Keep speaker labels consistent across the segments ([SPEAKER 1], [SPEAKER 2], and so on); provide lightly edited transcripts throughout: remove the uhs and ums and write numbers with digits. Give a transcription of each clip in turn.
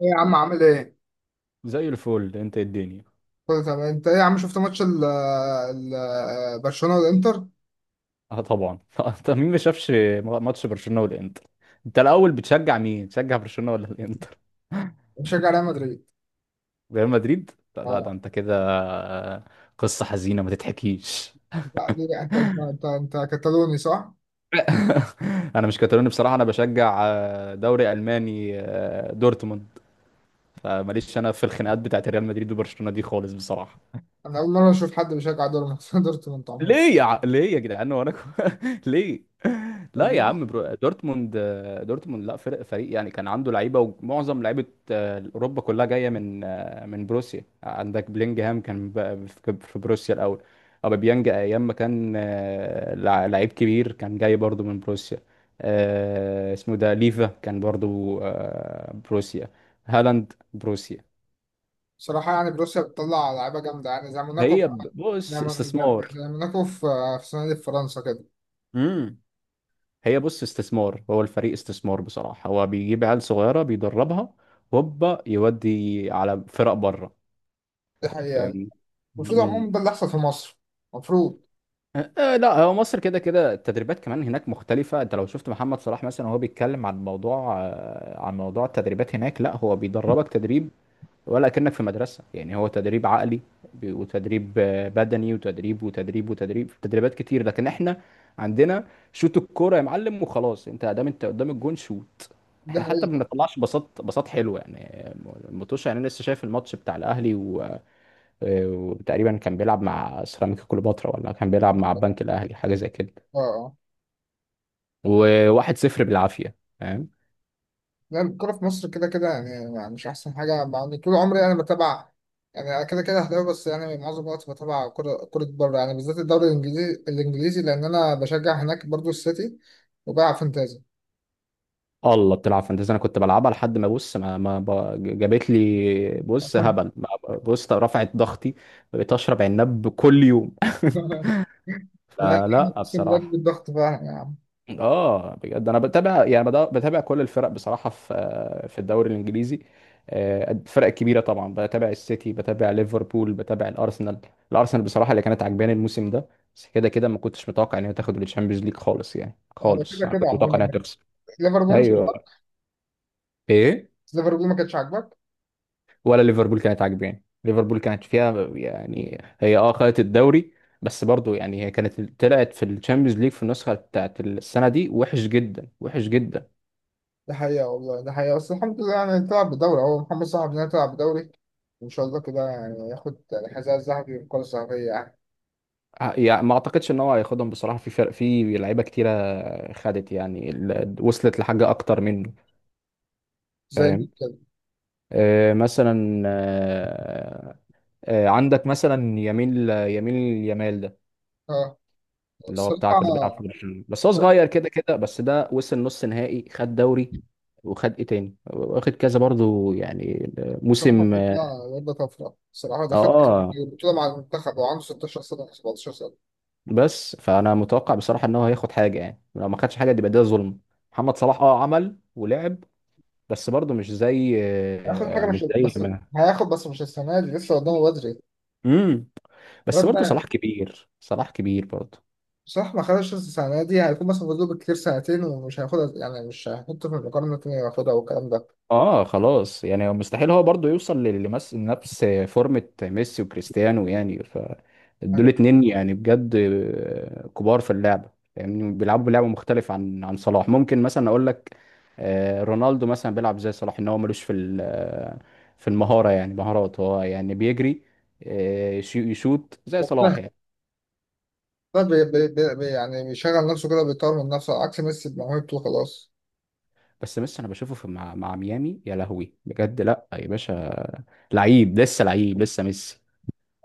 [SPEAKER 1] ايه يا عم عامل ايه؟
[SPEAKER 2] زي الفل، انت إيه الدنيا؟
[SPEAKER 1] كله تمام، انت ايه يا عم؟ شفت ماتش برشلونة والانتر؟
[SPEAKER 2] اه، طبعا. طب مين ما شافش ماتش برشلونة والانتر؟ انت الاول بتشجع مين، بتشجع برشلونة ولا الانتر؟
[SPEAKER 1] بشجع ريال مدريد.
[SPEAKER 2] ريال مدريد؟ لا لا، ده
[SPEAKER 1] اه.
[SPEAKER 2] انت كده. قصة حزينة ما تتحكيش.
[SPEAKER 1] لا، ليه؟ انت انت كتالوني صح؟
[SPEAKER 2] انا مش كاتالوني بصراحة، انا بشجع دوري الماني، دورتموند. فماليش انا في الخناقات بتاعت ريال مدريد وبرشلونة دي خالص بصراحة.
[SPEAKER 1] انا اول مرة اشوف حد بيشجع دورتموند دورتموند عموما.
[SPEAKER 2] ليه يا جدعان، وانا ليه؟ لا يا
[SPEAKER 1] والله.
[SPEAKER 2] عم، دورتموند لا فريق، يعني كان عنده لعيبه ومعظم لعيبه. اوروبا كلها جايه من من بروسيا، عندك بلينجهام كان في بروسيا الاول. اوباميانج ايام ما كان لعيب كبير، كان جاي برضو من بروسيا. اسمه ده ليفا كان برضو بروسيا، هالاند بروسيا.
[SPEAKER 1] بصراحة يعني بروسيا بتطلع لعيبة جامدة، يعني زي
[SPEAKER 2] هي ب-
[SPEAKER 1] زي
[SPEAKER 2] بص
[SPEAKER 1] مون-
[SPEAKER 2] استثمار
[SPEAKER 1] زي موناكو في في السنة دي في فرنسا كده.
[SPEAKER 2] هي بص استثمار، هو الفريق استثمار بصراحة، هو بيجيب عيال صغيرة بيدربها، هوبا يودي على فرق بره.
[SPEAKER 1] دي حقيقة.
[SPEAKER 2] فاهمني.
[SPEAKER 1] المفروض
[SPEAKER 2] مم.
[SPEAKER 1] عموما ده اللي يحصل في مصر، المفروض.
[SPEAKER 2] أه، لا هو مصر كده كده التدريبات كمان هناك مختلفة. انت لو شفت محمد صلاح مثلا وهو بيتكلم عن موضوع التدريبات هناك، لا هو بيدربك تدريب، ولا كأنك في مدرسة يعني. هو تدريب عقلي وتدريب بدني، وتدريب وتدريب وتدريب، تدريبات كتير. لكن احنا عندنا شوت الكورة يا معلم وخلاص، انت دام انت قدام الجون شوت.
[SPEAKER 1] دي
[SPEAKER 2] احنا حتى ما
[SPEAKER 1] حقيقة.
[SPEAKER 2] بنطلعش بساط، بساط حلو يعني. آه، المطوشه. يعني أنا لسه شايف الماتش بتاع الاهلي و... آه، وتقريبا كان بيلعب مع سيراميكا كليوباترا، ولا كان بيلعب مع البنك الاهلي، حاجة زي كده.
[SPEAKER 1] اه اه.
[SPEAKER 2] وواحد صفر بالعافية، فاهم.
[SPEAKER 1] لا، الكورة في مصر كده كده يعني، يعني مش أحسن حاجة. يعني طول عمري أنا بتابع، يعني أنا كده كده أهلاوي، بس يعني معظم الوقت بتابع كرة كرة بره، يعني بالذات الدوري الإنجليزي. الإنجليزي لأن أنا بشجع هناك برضو السيتي، وبلعب فانتازي.
[SPEAKER 2] الله، بتلعب فانتزي؟ انا كنت بلعبها لحد ما، بص، ما, ما ب- جابت لي، بص هبل، بص رفعت ضغطي. بقيت اشرب عناب كل يوم.
[SPEAKER 1] لا يعني
[SPEAKER 2] فلا
[SPEAKER 1] أقسم بالله بجيب
[SPEAKER 2] بصراحه.
[SPEAKER 1] الضغط فعلا يا عم.
[SPEAKER 2] اه بجد، انا بتابع يعني، بتابع كل الفرق بصراحه في الدوري الانجليزي. الفرق الكبيره طبعا، بتابع السيتي، بتابع ليفربول، بتابع الارسنال. الارسنال بصراحه اللي كانت عجباني الموسم ده، بس كده كده ما كنتش متوقع ان هي تاخد الشامبيونز ليج خالص، يعني
[SPEAKER 1] يعني
[SPEAKER 2] خالص
[SPEAKER 1] كده
[SPEAKER 2] انا
[SPEAKER 1] كده
[SPEAKER 2] كنت متوقع انها
[SPEAKER 1] عموما
[SPEAKER 2] تخسر.
[SPEAKER 1] ليفربول مش
[SPEAKER 2] ايوه،
[SPEAKER 1] عاجبك؟
[SPEAKER 2] ايه.
[SPEAKER 1] ليفربول ما كانتش عاجبك.
[SPEAKER 2] ولا، ليفربول كانت عاجباني، ليفربول كانت فيها يعني، هي خدت الدوري، بس برضو يعني هي كانت طلعت في الشامبيونز ليج في النسخه بتاعت السنه دي وحش جدا، وحش جدا.
[SPEAKER 1] ده حقيقة والله، ده حقيقة، بس الحمد لله يعني تلعب بدوري، أهو محمد صلاح بينا تلعب بدوري، وإن شاء الله كده يعني ياخد الحذاء الذهبي والكرة الذهبية يعني.
[SPEAKER 2] يعني ما اعتقدش ان هو هياخدهم بصراحه، في فرق في لعيبه كتيره خدت، يعني وصلت لحاجه اكتر منه.
[SPEAKER 1] زي مين
[SPEAKER 2] فاهم.
[SPEAKER 1] كده؟
[SPEAKER 2] آه مثلا آه آه عندك مثلا يمين يامال، اللي هو بتاع
[SPEAKER 1] بصراحة.
[SPEAKER 2] كل بيلعب في برشلونه، بس هو صغير كده كده، بس ده وصل نص نهائي، خد دوري، وخد ايه تاني، واخد كذا برضو يعني
[SPEAKER 1] بصراحة
[SPEAKER 2] موسم.
[SPEAKER 1] الواد ده، الواد ده طفرة بصراحة، دخلت
[SPEAKER 2] اه،
[SPEAKER 1] البطولة مع المنتخب وعنده 16 سنة ولا 17 سنة.
[SPEAKER 2] بس فانا متوقع بصراحه ان هو هياخد حاجه، يعني لو ما خدش حاجه دي يبقى ده ظلم. محمد صلاح عمل ولعب، بس برضو مش زي
[SPEAKER 1] هياخد حاجة،
[SPEAKER 2] آه، مش
[SPEAKER 1] مش
[SPEAKER 2] زي
[SPEAKER 1] بس
[SPEAKER 2] ما
[SPEAKER 1] هياخد، بس مش السنة دي، لسه قدامه بدري.
[SPEAKER 2] امم بس
[SPEAKER 1] الواد
[SPEAKER 2] برضو
[SPEAKER 1] ده
[SPEAKER 2] صلاح كبير، صلاح كبير برضو.
[SPEAKER 1] بصراحة ما خدش السنة دي، هيكون مثلا فاضل له بالكتير سنتين ومش هياخدها، يعني مش هيحطه في المقارنة التانية ياخدها والكلام ده.
[SPEAKER 2] اه خلاص، يعني مستحيل هو برضه يوصل لل- لمس- لنفس نفس فورمة ميسي وكريستيانو يعني، ف دول
[SPEAKER 1] أيوة.
[SPEAKER 2] اتنين يعني بجد، كبار في اللعبة. يعني بيلعبوا لعبة مختلفة عن صلاح. ممكن مثلا اقول لك رونالدو مثلا بيلعب زي صلاح، ان هو ملوش في في المهارة، يعني مهارات، هو يعني بيجري، يشوط زي صلاح
[SPEAKER 1] مقتنع.
[SPEAKER 2] يعني.
[SPEAKER 1] ده يعني بيشغل نفسه كده، بيطور من نفسه، عكس ميسي بموهبته وخلاص.
[SPEAKER 2] بس ميسي، انا بشوفه في مع مع ميامي، يا لهوي بجد، لا يا باشا، لعيب لسه، لعيب لسه ميسي.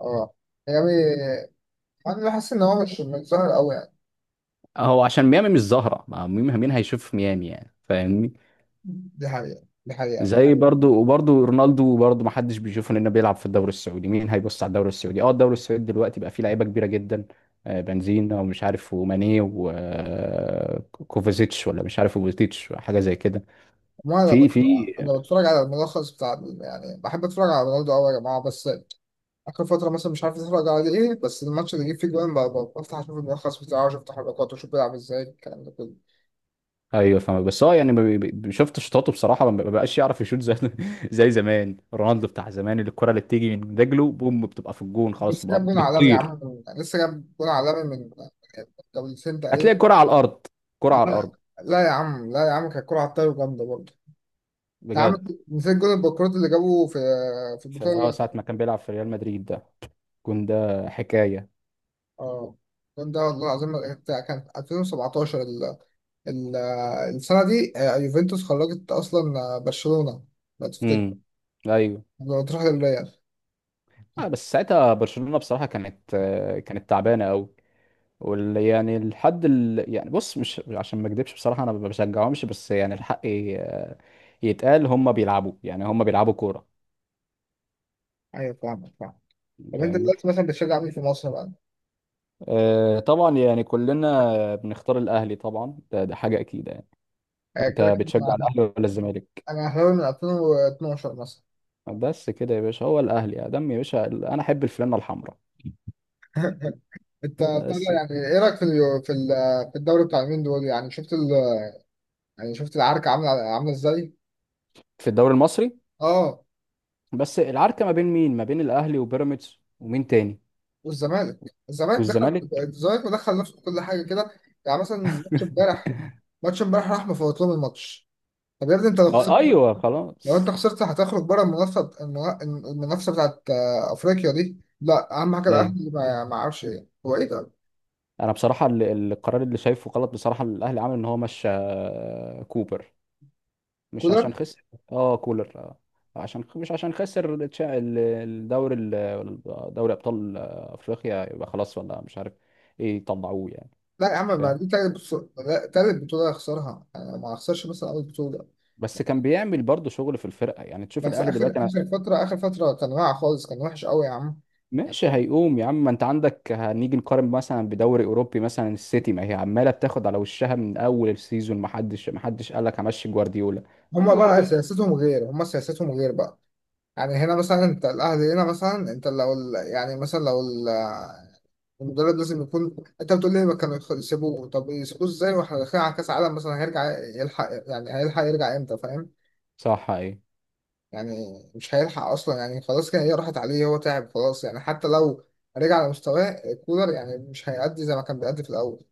[SPEAKER 1] اه. يعني أنا بحس إن هو مش ظاهر أوي يعني.
[SPEAKER 2] هو عشان ميامي مش ظاهرة، ما مين هيشوف في ميامي يعني، فاهمني.
[SPEAKER 1] دي حقيقة، دي حقيقة.
[SPEAKER 2] زي برضو، وبرضو رونالدو برضو ما حدش بيشوفه لأنه بيلعب في الدوري السعودي، مين هيبص على الدوري السعودي؟ اه، الدوري السعودي دلوقتي بقى فيه لعيبة كبيرة جدا، بنزيما ومش عارف، وماني وكوفازيتش، ولا مش عارف، وبوتيتش، حاجة زي كده.
[SPEAKER 1] ما انا
[SPEAKER 2] في
[SPEAKER 1] بت...
[SPEAKER 2] في
[SPEAKER 1] انا بتفرج على الملخص بتاع يعني بحب اتفرج على رونالدو قوي يا جماعه، بس اخر فتره مثلا مش عارف اتفرج على ايه، بس الماتش اللي جه فيه جوان بفتح اشوف الملخص بتاعه واشوف تحركاته واشوف بيلعب ازاي الكلام ده كله.
[SPEAKER 2] ايوه، فاهم. بس هو يعني ما بي- بي- شفت شطاته بصراحة، ما بقاش يعرف يشوط زي زي زمان، رونالدو بتاع زمان، اللي الكرة اللي بتيجي من رجله بوم بتبقى في الجون، خلاص
[SPEAKER 1] بس جاب
[SPEAKER 2] بتبقى
[SPEAKER 1] جون عالمي يا
[SPEAKER 2] بتطير.
[SPEAKER 1] عم لسه جاب جون عالمي من جولتين تقريبا.
[SPEAKER 2] هتلاقي كرة على الأرض، كرة على
[SPEAKER 1] لا.
[SPEAKER 2] الأرض،
[SPEAKER 1] لا يا عم كانت كوره على الطاير جامده برضه. انت
[SPEAKER 2] بجد.
[SPEAKER 1] عامل نسيت جون البكرات اللي جابوه في في
[SPEAKER 2] ساعة
[SPEAKER 1] البطوله.
[SPEAKER 2] ما كان بيلعب في ريال مدريد ده، كون ده حكاية.
[SPEAKER 1] اه. الجون ده والله العظيم كان 2017، ال- السنة دي يوفنتوس خرجت أصلا برشلونة، لو
[SPEAKER 2] امم.
[SPEAKER 1] تفتكر،
[SPEAKER 2] ايوه.
[SPEAKER 1] لو تروح للريال.
[SPEAKER 2] بس ساعتها برشلونة بصراحة كانت، آه، كانت تعبانة قوي، يعني يعني بص، مش عشان ما اكدبش بصراحة انا ما بشجعهمش، بس يعني الحق يتقال، هم بيلعبوا يعني، هم بيلعبوا كورة.
[SPEAKER 1] أيوة فاهمك، فاهم. طب أنت
[SPEAKER 2] فاهمني.
[SPEAKER 1] دلوقتي مثلا بتشجع مين في مصر بقى؟
[SPEAKER 2] آه طبعا، يعني كلنا بنختار الاهلي طبعا، ده حاجة اكيد يعني. انت
[SPEAKER 1] كده كده
[SPEAKER 2] بتشجع
[SPEAKER 1] أنا،
[SPEAKER 2] الاهلي ولا الزمالك؟
[SPEAKER 1] أنا أهلاوي من 2012 مثلا.
[SPEAKER 2] بس كده يا باشا، هو الاهلي يا دم يا باشا، انا احب الفلانة الحمراء.
[SPEAKER 1] أنت بتاع ده،
[SPEAKER 2] بس
[SPEAKER 1] يعني إيه رأيك في في الدوري بتاع اليومين دول؟ يعني شفت يعني شفت العركة عاملة عاملة إزاي؟
[SPEAKER 2] في الدوري المصري.
[SPEAKER 1] أه.
[SPEAKER 2] بس العركه ما بين مين، ما بين الاهلي وبيراميدز ومين تاني؟
[SPEAKER 1] والزمالك. الزمالك دخل،
[SPEAKER 2] والزمالك.
[SPEAKER 1] الزمالك مدخل نفسه في كل حاجة كده. يعني مثلا ماتش امبارح، ماتش امبارح راح مفوت لهم الماتش. طب يا ابني أنت لو خسرت،
[SPEAKER 2] ما ايوه،
[SPEAKER 1] لو انت
[SPEAKER 2] خلاص.
[SPEAKER 1] خسرت هتخرج بره المنافسه، المنافسه بتاعت افريقيا دي. لا، اهم حاجه
[SPEAKER 2] ايوه.
[SPEAKER 1] الاهلي، ما ما اعرفش ايه هو ايه ده.
[SPEAKER 2] انا بصراحه القرار اللي شايفه غلط بصراحه، الاهلي عمل ان هو مشى كوبر، مش
[SPEAKER 1] كولر.
[SPEAKER 2] عشان خسر. اه، كولر. عشان مش عشان خسر الدوري دوري ابطال افريقيا، يبقى خلاص ولا مش عارف ايه يطلعوه يعني.
[SPEAKER 1] لا يا عم،
[SPEAKER 2] ف...
[SPEAKER 1] ما دي تالت بطوله، لا، تالت بطوله يخسرها، يعني ما اخسرش مثلا اول بطوله.
[SPEAKER 2] بس كان بيعمل برضه شغل في الفرقه يعني، تشوف
[SPEAKER 1] بس
[SPEAKER 2] الاهلي
[SPEAKER 1] اخر
[SPEAKER 2] دلوقتي.
[SPEAKER 1] اخر فتره اخر فتره كان واقع خالص، كان وحش قوي يا عم.
[SPEAKER 2] ماشي، هيقوم يا عم. ما انت عندك، هنيجي نقارن مثلا بدوري اوروبي مثلا، السيتي ما هي عماله بتاخد على وشها من اول السيزون، ما حدش قال لك همشي جوارديولا. أما
[SPEAKER 1] هما بقى
[SPEAKER 2] جوارديولا.
[SPEAKER 1] سياستهم غير هما سياستهم غير بقى. يعني هنا مثلا انت الاهلي، هنا مثلا انت لو يعني مثلا لو المدرب لازم يكون، انت بتقول لي ما كانوا يسيبوه، طب يسيبوه ازاي واحنا داخلين على كاس عالم مثلا؟ هيرجع يلحق، يعني هيلحق يرجع امتى؟ فاهم؟
[SPEAKER 2] صح، ايه،
[SPEAKER 1] يعني مش هيلحق اصلا، يعني خلاص كده هي راحت عليه، هو تعب خلاص، يعني حتى لو رجع على مستواه كولر يعني مش هيأدي زي ما كان بيأدي في الاول.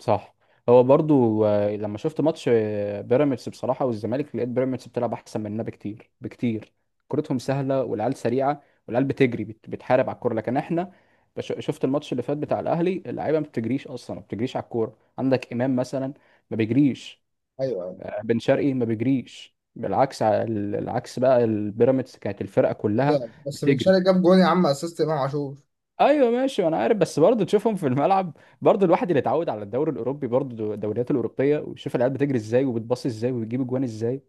[SPEAKER 2] صح. هو برضو، لما شفت ماتش بيراميدز بصراحه والزمالك، لقيت بيراميدز بتلعب احسن مننا بكتير بكتير. كرتهم سهله، والعيال سريعه، والعيال بتجري، بتحارب على الكوره. لكن احنا، شفت الماتش اللي فات بتاع الاهلي، اللعيبه ما بتجريش اصلا، ما بتجريش على الكوره. عندك امام مثلا ما بيجريش،
[SPEAKER 1] ايوه ايوه.
[SPEAKER 2] بن شرقي ما بيجريش، بالعكس العكس بقى. البيراميدز كانت الفرقه كلها
[SPEAKER 1] لا، بس بن
[SPEAKER 2] بتجري.
[SPEAKER 1] شرقي جاب جون يا عم، اسيست امام عاشور.
[SPEAKER 2] ايوه ماشي، انا عارف. بس برضه تشوفهم في الملعب، برضه الواحد اللي اتعود على الدوري الاوروبي، برضه الدوريات الاوروبيه، ويشوف العيال بتجري ازاي، وبتباصي ازاي، وبتجيب اجوان ازاي،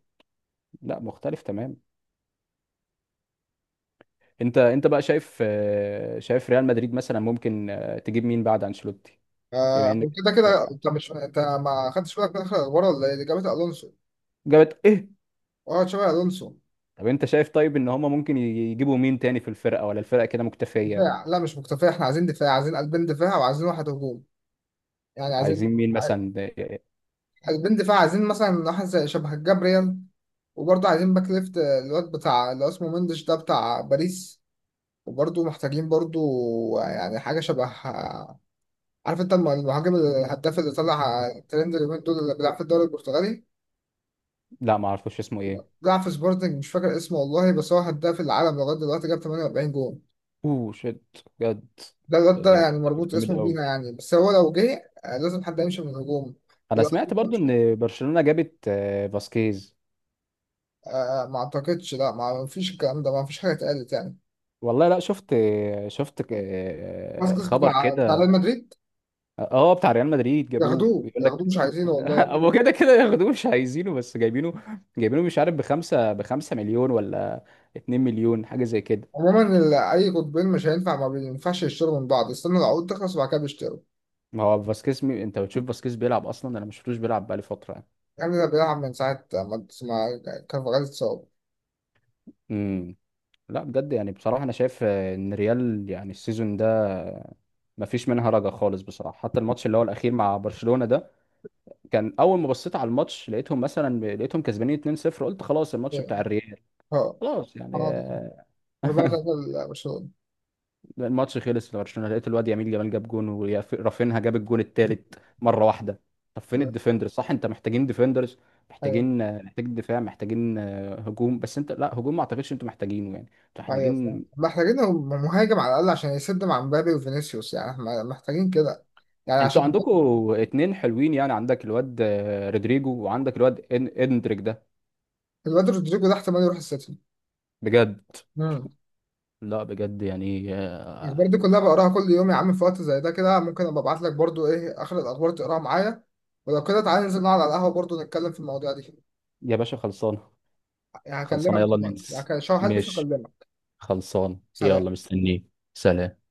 [SPEAKER 2] لا مختلف تمام. انت، انت بقى شايف شايف ريال مدريد مثلا ممكن تجيب مين بعد انشيلوتي؟ بما
[SPEAKER 1] آه
[SPEAKER 2] انك
[SPEAKER 1] كده كده
[SPEAKER 2] بتشجع.
[SPEAKER 1] انت، مش انت ما خدتش بالك من اخر الاخبار ولا ايه اللي جابت الونسو؟
[SPEAKER 2] جابت ايه؟
[SPEAKER 1] اه، تشابي الونسو.
[SPEAKER 2] طب انت شايف طيب ان هم ممكن يجيبوا مين تاني في الفرقه، ولا الفرقه كده مكتفيه؟
[SPEAKER 1] دفاع، لا مش مكتفي، احنا عايزين دفاع، عايزين قلبين دفاع وعايزين واحد هجوم، يعني عايزين
[SPEAKER 2] عايزين مين مثلا؟
[SPEAKER 1] قلبين دفاع، عايزين مثلا واحد زي شبه جابريال، وبرضه عايزين باك ليفت، الواد بتاع اللي هو اسمه مندش ده بتاع باريس، وبرضه محتاجين برضه يعني حاجة شبه، عارف انت المهاجم الهداف اللي طلع ترند اليومين دول، اللي بيلعب في الدوري البرتغالي،
[SPEAKER 2] لا، ما اعرفوش اسمه ايه.
[SPEAKER 1] بيلعب في سبورتنج، مش فاكر اسمه والله، بس هو هداف العالم لغاية دلوقتي، جاب 48 جون.
[SPEAKER 2] اوه شيت، بجد.
[SPEAKER 1] ده الواد
[SPEAKER 2] ده
[SPEAKER 1] ده
[SPEAKER 2] ده
[SPEAKER 1] يعني
[SPEAKER 2] ده كان
[SPEAKER 1] مربوط
[SPEAKER 2] جامد
[SPEAKER 1] اسمه
[SPEAKER 2] قوي.
[SPEAKER 1] بينا يعني، بس هو لو جه لازم حد يمشي من الهجوم.
[SPEAKER 2] انا
[SPEAKER 1] ولو-
[SPEAKER 2] سمعت برضو ان برشلونة جابت فاسكيز.
[SPEAKER 1] ما اعتقدش، لا، ما فيش الكلام ده، ما فيش حاجة اتقالت يعني.
[SPEAKER 2] والله لا، شفت
[SPEAKER 1] فاسكيز
[SPEAKER 2] خبر
[SPEAKER 1] بتاع
[SPEAKER 2] كده.
[SPEAKER 1] ريال مدريد.
[SPEAKER 2] اه، بتاع ريال مدريد جابوه،
[SPEAKER 1] ياخدوه،
[SPEAKER 2] بيقول لك.
[SPEAKER 1] ياخدوه مش عايزينه والله ياخدوه.
[SPEAKER 2] هو كده كده ياخدوه مش عايزينه، بس جايبينه. جايبينه مش عارف، بخمسة مليون ولا 2 مليون، حاجة زي كده.
[SPEAKER 1] عموما اي قطبين مش هينفع، ما بينفعش يشتروا من بعض، استنوا العقود تخلص وبعد كده بيشتروا.
[SPEAKER 2] ما هو فاسكيز انت بتشوف فاسكيز بيلعب اصلا؟ انا ما شفتوش بيلعب بقالي فترة يعني.
[SPEAKER 1] يعني ده بيلعب من ساعة ما كارفاغال اتصاب.
[SPEAKER 2] امم. لا بجد يعني، بصراحة أنا شايف إن ريال يعني السيزون ده مفيش منها رجع خالص بصراحة. حتى الماتش اللي هو الأخير مع برشلونة ده، كان أول ما بصيت على الماتش لقيتهم مثلا، لقيتهم كسبانين 2-0، قلت خلاص الماتش بتاع
[SPEAKER 1] ايوه.
[SPEAKER 2] الريال،
[SPEAKER 1] اه.
[SPEAKER 2] خلاص يعني
[SPEAKER 1] ده. أربعة تلاتة برشلونة.
[SPEAKER 2] الماتش خلص لبرشلونة، لقيت الواد يمين جمال جاب جون، ورافينها جاب الجون التالت مرة واحدة. طب فين
[SPEAKER 1] ايوه.
[SPEAKER 2] الديفندرز؟ صح، أنت محتاجين ديفندرز،
[SPEAKER 1] ايوه
[SPEAKER 2] محتاجين محتاج دفاع، محتاجين هجوم. بس أنت لا، هجوم ما أعتقدش أنتوا محتاجينه يعني، أنتوا
[SPEAKER 1] ايوه
[SPEAKER 2] محتاجين.
[SPEAKER 1] فاهم، محتاجين مهاجم على الأقل عشان يسد مع مبابي وفينيسيوس، يعني احنا محتاجين كده يعني
[SPEAKER 2] انتوا
[SPEAKER 1] عشان.
[SPEAKER 2] عندكم اتنين حلوين يعني، عندك الواد رودريجو، وعندك الواد اندريك ده.
[SPEAKER 1] الواد رودريجو ده احتمال يروح السيتي.
[SPEAKER 2] بجد.
[SPEAKER 1] مم.
[SPEAKER 2] لا بجد يعني
[SPEAKER 1] الأخبار دي كلها بقراها كل يوم يا عم، في وقت زي ده كده ممكن أبقى أبعت لك برضو إيه آخر الأخبار تقراها معايا. ولو كده تعالى ننزل نقعد على القهوة برضو نتكلم في المواضيع دي.
[SPEAKER 2] يا باشا، خلصانه.
[SPEAKER 1] يعني
[SPEAKER 2] خلصانه،
[SPEAKER 1] هكلمك
[SPEAKER 2] يلا
[SPEAKER 1] دلوقتي يعني،
[SPEAKER 2] ننس.
[SPEAKER 1] هلبس
[SPEAKER 2] ماشي،
[SPEAKER 1] وأكلمك.
[SPEAKER 2] خلصان،
[SPEAKER 1] سلام.
[SPEAKER 2] يلا مستنيك. سلام.